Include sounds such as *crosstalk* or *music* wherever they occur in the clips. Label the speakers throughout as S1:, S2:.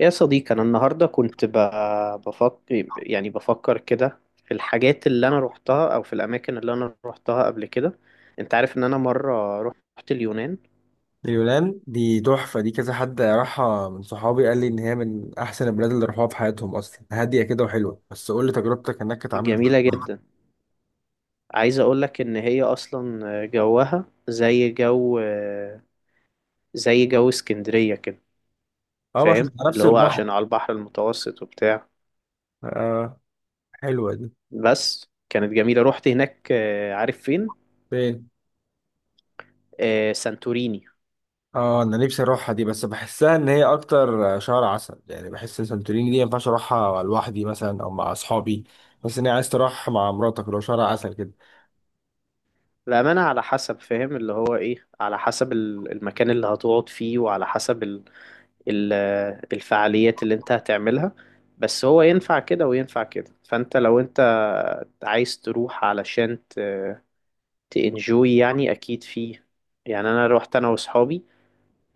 S1: يا صديقي أنا النهاردة كنت بفكر، يعني بفكر كده في الحاجات اللي أنا روحتها أو في الأماكن اللي أنا روحتها قبل كده. أنت عارف إن أنا مرة روحت اليونان.
S2: اليونان دي تحفة، دي كذا حد راحها من صحابي قال لي إن هي من أحسن البلاد اللي راحوها في حياتهم، أصلا هادية كده وحلوة. بس قول لي تجربتك هناك كانت عاملة
S1: جميلة
S2: إزاي؟
S1: جدا. عايز أقولك إن هي أصلا جوها زي جو اسكندرية كده.
S2: أه، مش
S1: فاهم
S2: على نفس
S1: اللي هو
S2: البحر؟
S1: عشان على البحر المتوسط وبتاع.
S2: آه، حلوة دي.
S1: بس كانت جميلة، روحت هناك. عارف فين.
S2: فين؟
S1: سانتوريني.
S2: أه، أنا نفسي أروحها دي، بس بحسها إن هي أكتر شهر عسل، يعني بحس إن سانتوريني دي مينفعش أروحها لوحدي مثلا أو مع أصحابي. بس إن هي عايز تروح مع مراتك لو شهر عسل كده.
S1: الأمانة على حسب، فاهم اللي هو إيه، على حسب المكان اللي هتقعد فيه، وعلى حسب ال ال الفعاليات اللي أنت هتعملها. بس هو ينفع كده وينفع كده. فأنت لو أنت عايز تروح علشان تنجوي يعني أكيد فيه. يعني أنا روحت أنا وأصحابي.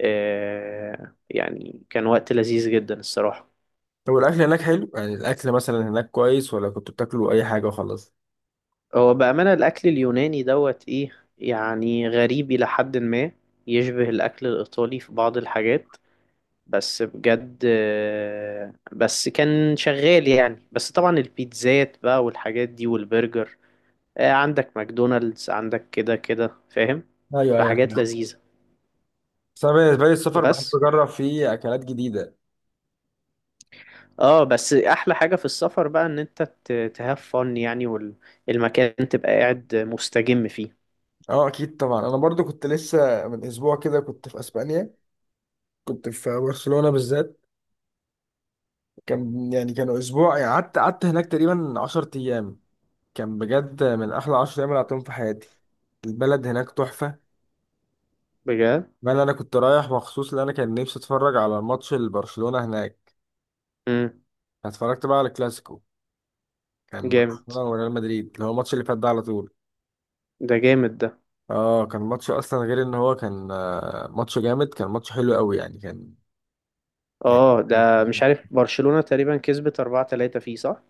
S1: يعني كان وقت لذيذ جدا الصراحة.
S2: طب الأكل هناك حلو؟ يعني الأكل مثلا هناك كويس، ولا كنتوا بتاكلوا أي حاجة وخلاص؟
S1: هو بأمانة الأكل اليوناني دوت إيه، يعني غريب إلى حد ما، يشبه الأكل الإيطالي في بعض الحاجات. بس بجد بس كان شغال يعني. بس طبعا البيتزات بقى والحاجات دي والبرجر، عندك ماكدونالدز عندك كده كده، فاهم.
S2: ايوه، ايوه.
S1: فحاجات لذيذة.
S2: بس انا بالنسبه لي السفر بحب
S1: بس
S2: اجرب فيه اكلات جديده.
S1: اه، بس احلى حاجة في السفر بقى ان انت تهاف فن يعني، والمكان تبقى قاعد مستجم فيه.
S2: اه، اكيد طبعا. انا برضو كنت لسه من اسبوع كده كنت في اسبانيا. كنت في برشلونه بالذات. كان يعني كانوا اسبوع، يعني قعدت هناك تقريبا 10 ايام. كان بجد من احلى 10 ايام اللي قعدتهم في حياتي. البلد هناك تحفه.
S1: بجد.
S2: بل انا كنت رايح مخصوص، لان انا كان نفسي اتفرج على ماتش البرشلونه هناك.
S1: امم
S2: اتفرجت بقى على الكلاسيكو. كان
S1: جامد.
S2: برشلونه وريال مدريد، اللي هو الماتش اللي فات ده على طول.
S1: ده جامد ده.
S2: اه، كان ماتش اصلا غير ان هو كان ماتش جامد، كان ماتش حلو قوي يعني كان. يعني
S1: اه ده، مش عارف، برشلونة تقريبا كسبت 4-3 فيه صح؟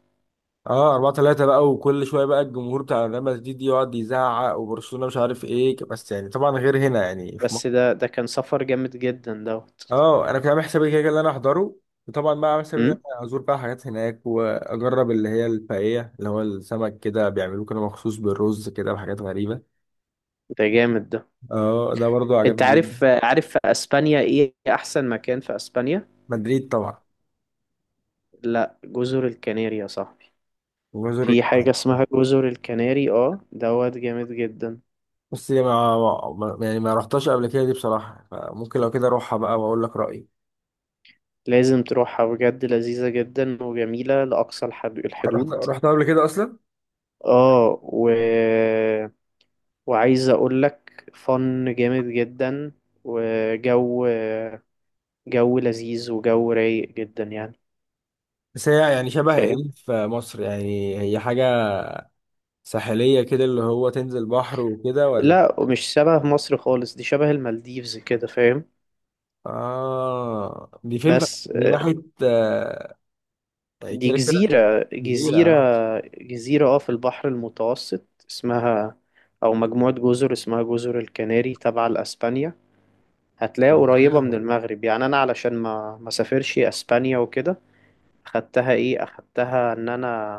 S2: اه 4-3 بقى، وكل شويه بقى الجمهور بتاع ريال مدريد يقعد يزعق وبرشلونه مش عارف ايه، بس يعني طبعا غير هنا يعني في مصر.
S1: بس ده كان سفر جامد جدا دوت.
S2: اه، انا كنت عامل حسابي كده كده اللي انا احضره. وطبعا بقى عامل حسابي ان انا ازور بقى حاجات هناك واجرب اللي هي الباقيه، اللي هو السمك كده بيعملوه كده مخصوص بالرز كده وحاجات غريبه.
S1: ده جامد ده.
S2: اه، ده برضو
S1: انت
S2: عجبني جدا.
S1: عارف في اسبانيا ايه احسن مكان في اسبانيا؟
S2: مدريد طبعا.
S1: لا، جزر الكناري يا صاحبي.
S2: وبزور
S1: في حاجة
S2: القاهرة.
S1: اسمها جزر الكناري، اه دوت جامد جدا.
S2: بس ما يعني ما رحتهاش قبل كده دي بصراحه، فممكن لو كده اروحها بقى واقول لك رايي.
S1: لازم تروحها بجد، لذيذة جدا وجميلة لأقصى
S2: رحت
S1: الحدود.
S2: رحتها قبل كده اصلا.
S1: اه و... وعايز اقول لك فن جامد جدا. وجو لذيذ وجو رايق جدا يعني.
S2: بس هي يعني شبه ايه
S1: فاهم.
S2: في مصر؟ يعني هي حاجة ساحلية كده، اللي هو تنزل بحر وكده، ولا؟
S1: لا ومش شبه مصر خالص، دي شبه المالديفز كده، فاهم.
S2: اه، دي فين؟
S1: بس
S2: دي ناحية
S1: دي
S2: كده كده.
S1: جزيرة
S2: جزيرة،
S1: جزيرة
S2: اه.
S1: جزيرة اه، في البحر المتوسط، اسمها، أو مجموعة جزر اسمها جزر الكناري تبع لأسبانيا. هتلاقيها
S2: طب،
S1: قريبة من
S2: حلو.
S1: المغرب. يعني أنا علشان ما سافرش أسبانيا وكده، أخدتها إيه، أخدتها إن أنا،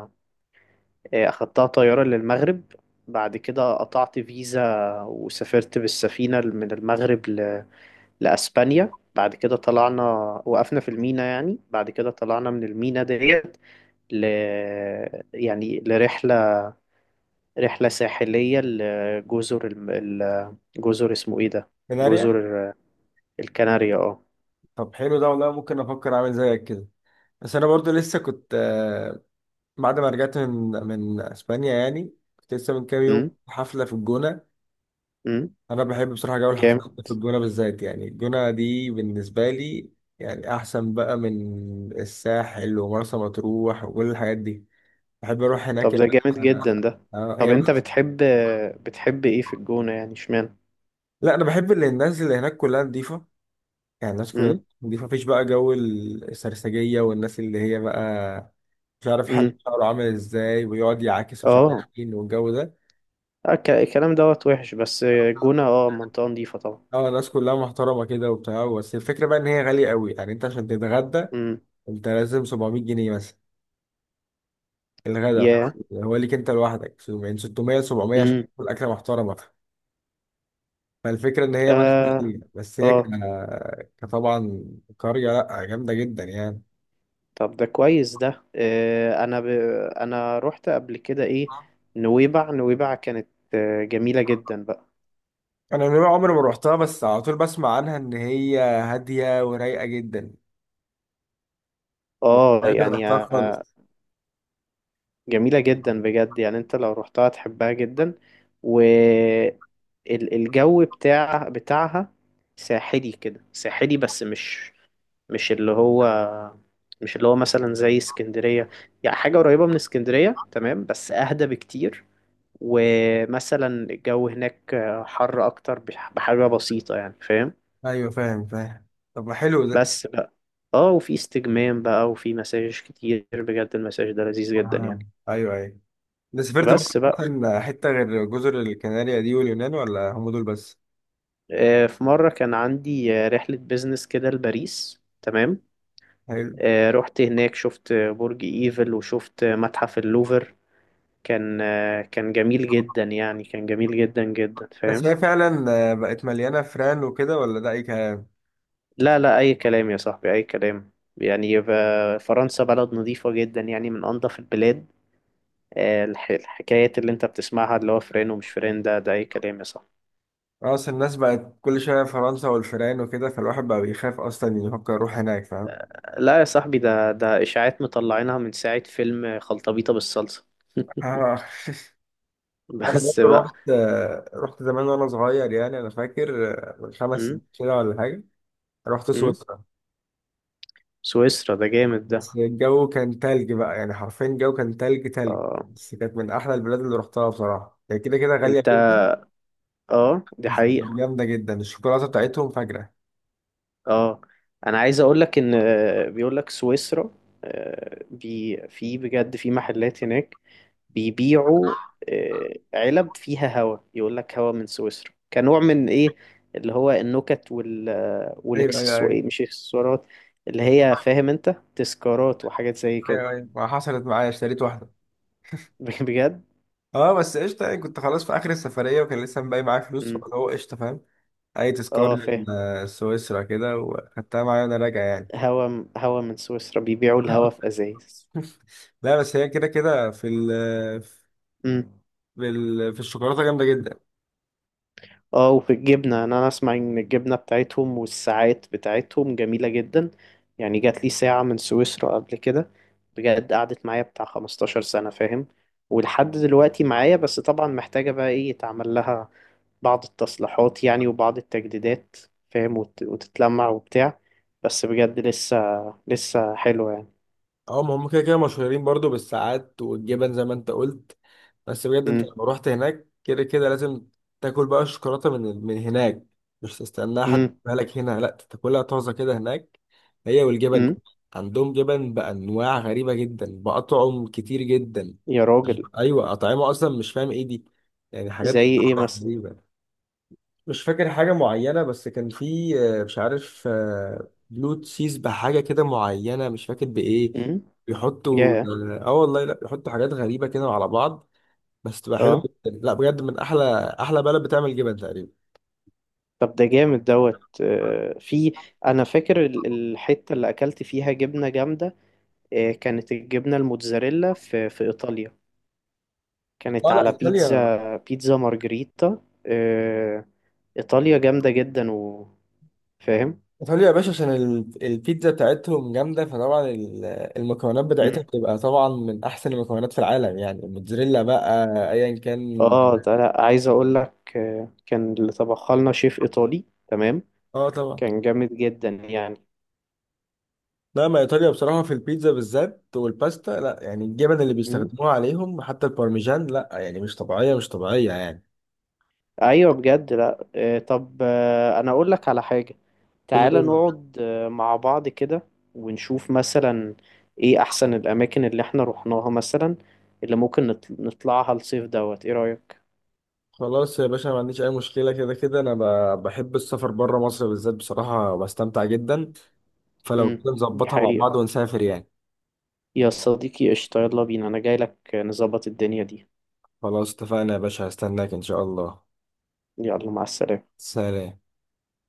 S1: أخدتها طيارة للمغرب. بعد كده قطعت فيزا وسافرت بالسفينة من المغرب ل... لأسبانيا. بعد كده طلعنا، وقفنا في المينا. يعني بعد كده طلعنا من المينا ديت ل... يعني لرحلة، رحلة ساحلية لجزر جزر اسمه ايه ده،
S2: كناريا.
S1: جزر الكناريا اه.
S2: طب، حلو ده والله، ممكن افكر اعمل زيك كده. بس انا برضو لسه كنت بعد ما رجعت من اسبانيا يعني، كنت لسه من كام يوم
S1: امم.
S2: في حفلة في الجونة.
S1: امم.
S2: انا بحب بصراحه جو الحفلات
S1: جامد.
S2: في الجونه بالذات، يعني الجونه دي بالنسبه لي يعني احسن بقى من الساحل ومرسى مطروح وكل الحاجات دي. بحب اروح هناك
S1: طب
S2: يعني.
S1: ده جامد
S2: آه،
S1: جدا ده. طب
S2: هي
S1: انت
S2: بس.
S1: بتحب بتحب ايه في الجونة يعني، اشمعنى؟
S2: لا، انا بحب اللي الناس اللي هناك كلها نظيفه. يعني الناس كلها
S1: امم.
S2: نظيفه، مفيش بقى جو السرسجيه والناس اللي هي بقى مش عارف حل
S1: امم.
S2: شعره عامل ازاي ويقعد يعاكس مش عارف
S1: اه.
S2: مين، والجو ده.
S1: الكلام دوت وحش، بس الجونة اه منطقة نظيفة طبعا.
S2: اه، الناس كلها محترمه كده وبتاع، بس الفكره بقى ان هي غاليه قوي، يعني انت عشان تتغدى
S1: امم.
S2: انت لازم 700 جنيه مثلا. الغداء،
S1: يا.
S2: فاهم؟ هو ليك انت لوحدك من 600 ل 700 عشان
S1: امم.
S2: تاكل اكله محترمه. فالفكره ان هي بس
S1: اه.
S2: غالية. بس هي
S1: اه.
S2: كطبعا قريه، لا، جامده جدا يعني.
S1: طب ده كويس ده. انا ب... انا رحت قبل كده ايه، نويبع كانت جميلة جدا بقى.
S2: انا نوع عمري ما روحتها، بس على طول بسمع عنها ان هي هاديه ورايقه جدا.
S1: اه
S2: عمري ما
S1: يعني
S2: روحتها خالص.
S1: جميلة جدا بجد. يعني انت لو رحتها تحبها جدا. و الجو بتاعها ساحلي كده، ساحلي بس مش، مش اللي هو مش اللي هو مثلا زي اسكندرية. يعني حاجة قريبة من اسكندرية تمام بس اهدى بكتير. ومثلا الجو هناك حر اكتر بحاجة بسيطة يعني، فاهم.
S2: ايوه، فاهم، فاهم. طب، ما حلو ده.
S1: بس بقى اه، وفي استجمام بقى وفي مساج كتير، بجد المساج ده لذيذ جدا
S2: آه.
S1: يعني.
S2: ايوه، ايوه. انت سافرت بقى
S1: بس بقى
S2: ممكن حته غير جزر الكناريا دي واليونان، ولا هم دول بس؟
S1: في مرة كان عندي رحلة بيزنس كده لباريس، تمام.
S2: حلو.
S1: رحت هناك، شفت برج ايفل، وشفت متحف اللوفر. كان كان جميل جدا يعني، كان جميل جدا جدا،
S2: بس
S1: فاهم.
S2: هي فعلا بقت مليانه فران وكده، ولا ده اي؟
S1: لا لا، أي كلام يا صاحبي، أي كلام. يعني فرنسا بلد نظيفة جدا، يعني من أنظف البلاد. الحكايات اللي أنت بتسمعها اللي هو فرين ومش فرين، ده أي كلام يا صاحبي.
S2: خلاص، الناس بقت كل شوية فرنسا والفيران وكده، فالواحد بقى بيخاف أصلا يفكر يروح هناك، فاهم؟
S1: لا يا صاحبي، ده إشاعات مطلعينها من ساعة فيلم خلطبيطة بالصلصة.
S2: آه. *laughs*
S1: *laughs*
S2: لا، أنا برضه
S1: بس بقى.
S2: رحت زمان وأنا صغير، يعني أنا فاكر من خمس
S1: أم؟
S2: سنين كده ولا حاجة. رحت
S1: أم؟
S2: سويسرا.
S1: سويسرا ده جامد ده.
S2: بس الجو كان تلج بقى، يعني حرفيا الجو كان تلج تلج.
S1: آه.
S2: بس كانت من أحلى البلاد اللي رحتها بصراحة، هي كده كده غالية
S1: أنت.
S2: جدا.
S1: آه دي
S2: بس
S1: حقيقة.
S2: جامدة جدا الشوكولاتة بتاعتهم، فجرة.
S1: آه أنا عايز أقول لك إن بيقول لك سويسرا، بي في، بجد في محلات هناك بيبيعوا علب فيها هوا، يقول لك هوا من سويسرا، كنوع من ايه اللي هو النكت وال
S2: أيوه، أيوه،
S1: والاكسسوار
S2: أيوه.
S1: مش اكسسوارات، اللي هي، فاهم انت، تذكارات وحاجات زي
S2: أيوه،
S1: كده.
S2: أيوه، ما حصلت معايا اشتريت واحدة.
S1: *laughs* بجد.
S2: اه، بس قشطه يعني، كنت خلاص في اخر السفريه وكان لسه باقي معايا فلوس،
S1: مم.
S2: فاللي هو قشطه، فاهم؟ اي تذكار
S1: اه فاهم.
S2: لسويسرا كده، وخدتها معايا وانا راجع يعني.
S1: هوا، هوا من سويسرا، بيبيعوا الهوا في
S2: *laughs*
S1: ازايز.
S2: لا، بس هي كده كده
S1: مم.
S2: في الشوكولاته جامده جدا.
S1: اه وفي الجبنة، أنا اسمع ان الجبنة بتاعتهم والساعات بتاعتهم جميلة جدا. يعني جات لي ساعة من سويسرا قبل كده، بجد قعدت معايا بتاع 15 سنة، فاهم، ولحد دلوقتي معايا. بس طبعا محتاجة بقى ايه، يتعمل لها بعض التصليحات يعني، وبعض التجديدات، فاهم، وتتلمع وبتاع. بس بجد لسه حلوة يعني.
S2: اه، ما هم كده كده مشهورين برضو بالساعات والجبن زي ما انت قلت. بس بجد، انت
S1: امم.
S2: لما رحت هناك كده كده لازم تاكل بقى الشوكولاته من هناك، مش تستناها حد
S1: امم.
S2: يجيبها لك هنا، لا تاكلها طازه كده هناك. هي والجبن.
S1: امم.
S2: عندهم جبن بانواع غريبه جدا، باطعم كتير جدا.
S1: يا راجل.
S2: ايوه، اطعمه اصلا مش فاهم ايه دي. يعني
S1: زي
S2: حاجات
S1: ايه مثلا؟
S2: غريبه. مش فاكر حاجة معينة، بس كان في مش عارف بلو تشيز بحاجة كده معينة مش فاكر بإيه.
S1: امم.
S2: بيحطوا،
S1: ياه.
S2: اه، والله، لا بيحطوا حاجات غريبة كده على بعض، بس تبقى حلوة
S1: اه.
S2: جدا. لا بجد من أحلى أحلى بلد بتعمل جبن تقريبا.
S1: طب ده جامد دوت في، انا فاكر الحته اللي اكلت فيها جبنه جامده، كانت الجبنه الموتزاريلا في في ايطاليا، كانت
S2: اه، لا،
S1: على
S2: إيطاليا.
S1: بيتزا، بيتزا مارجريتا. ايطاليا جامده جدا، وفاهم.
S2: إيطاليا يا باشا، عشان البيتزا بتاعتهم جامدة، فطبعا المكونات
S1: مم.
S2: بتاعتها بتبقى طبعا من أحسن المكونات في العالم، يعني الموتزاريلا بقى أيا كان.
S1: اه ده، لا عايز اقول لك كان اللي طبخها لنا شيف ايطالي، تمام،
S2: اه، طبعا.
S1: كان جامد جدا يعني.
S2: لا، ما ايطاليا بصراحه في البيتزا بالذات والباستا، لا يعني الجبن اللي بيستخدموها عليهم حتى البارميجان، لا يعني مش طبيعيه، مش طبيعيه يعني.
S1: ايوه بجد. لا طب انا اقول لك على حاجه، تعالى
S2: قول.
S1: نقعد مع بعض كده، ونشوف مثلا ايه احسن الاماكن اللي احنا رحناها مثلا، اللي ممكن نطلعها الصيف دوت، ايه رايك؟
S2: خلاص يا باشا، ما عنديش اي مشكله. كده كده انا بحب السفر بره مصر بالذات، بصراحه بستمتع جدا. فلو كده
S1: امم. دي
S2: نظبطها مع
S1: حقيقه.
S2: بعض ونسافر يعني.
S1: يا صديقي قشطه، يلا بينا، انا جاي لك نظبط الدنيا دي.
S2: خلاص، اتفقنا يا باشا، هستناك ان شاء الله.
S1: يلا، مع السلامه.
S2: سلام.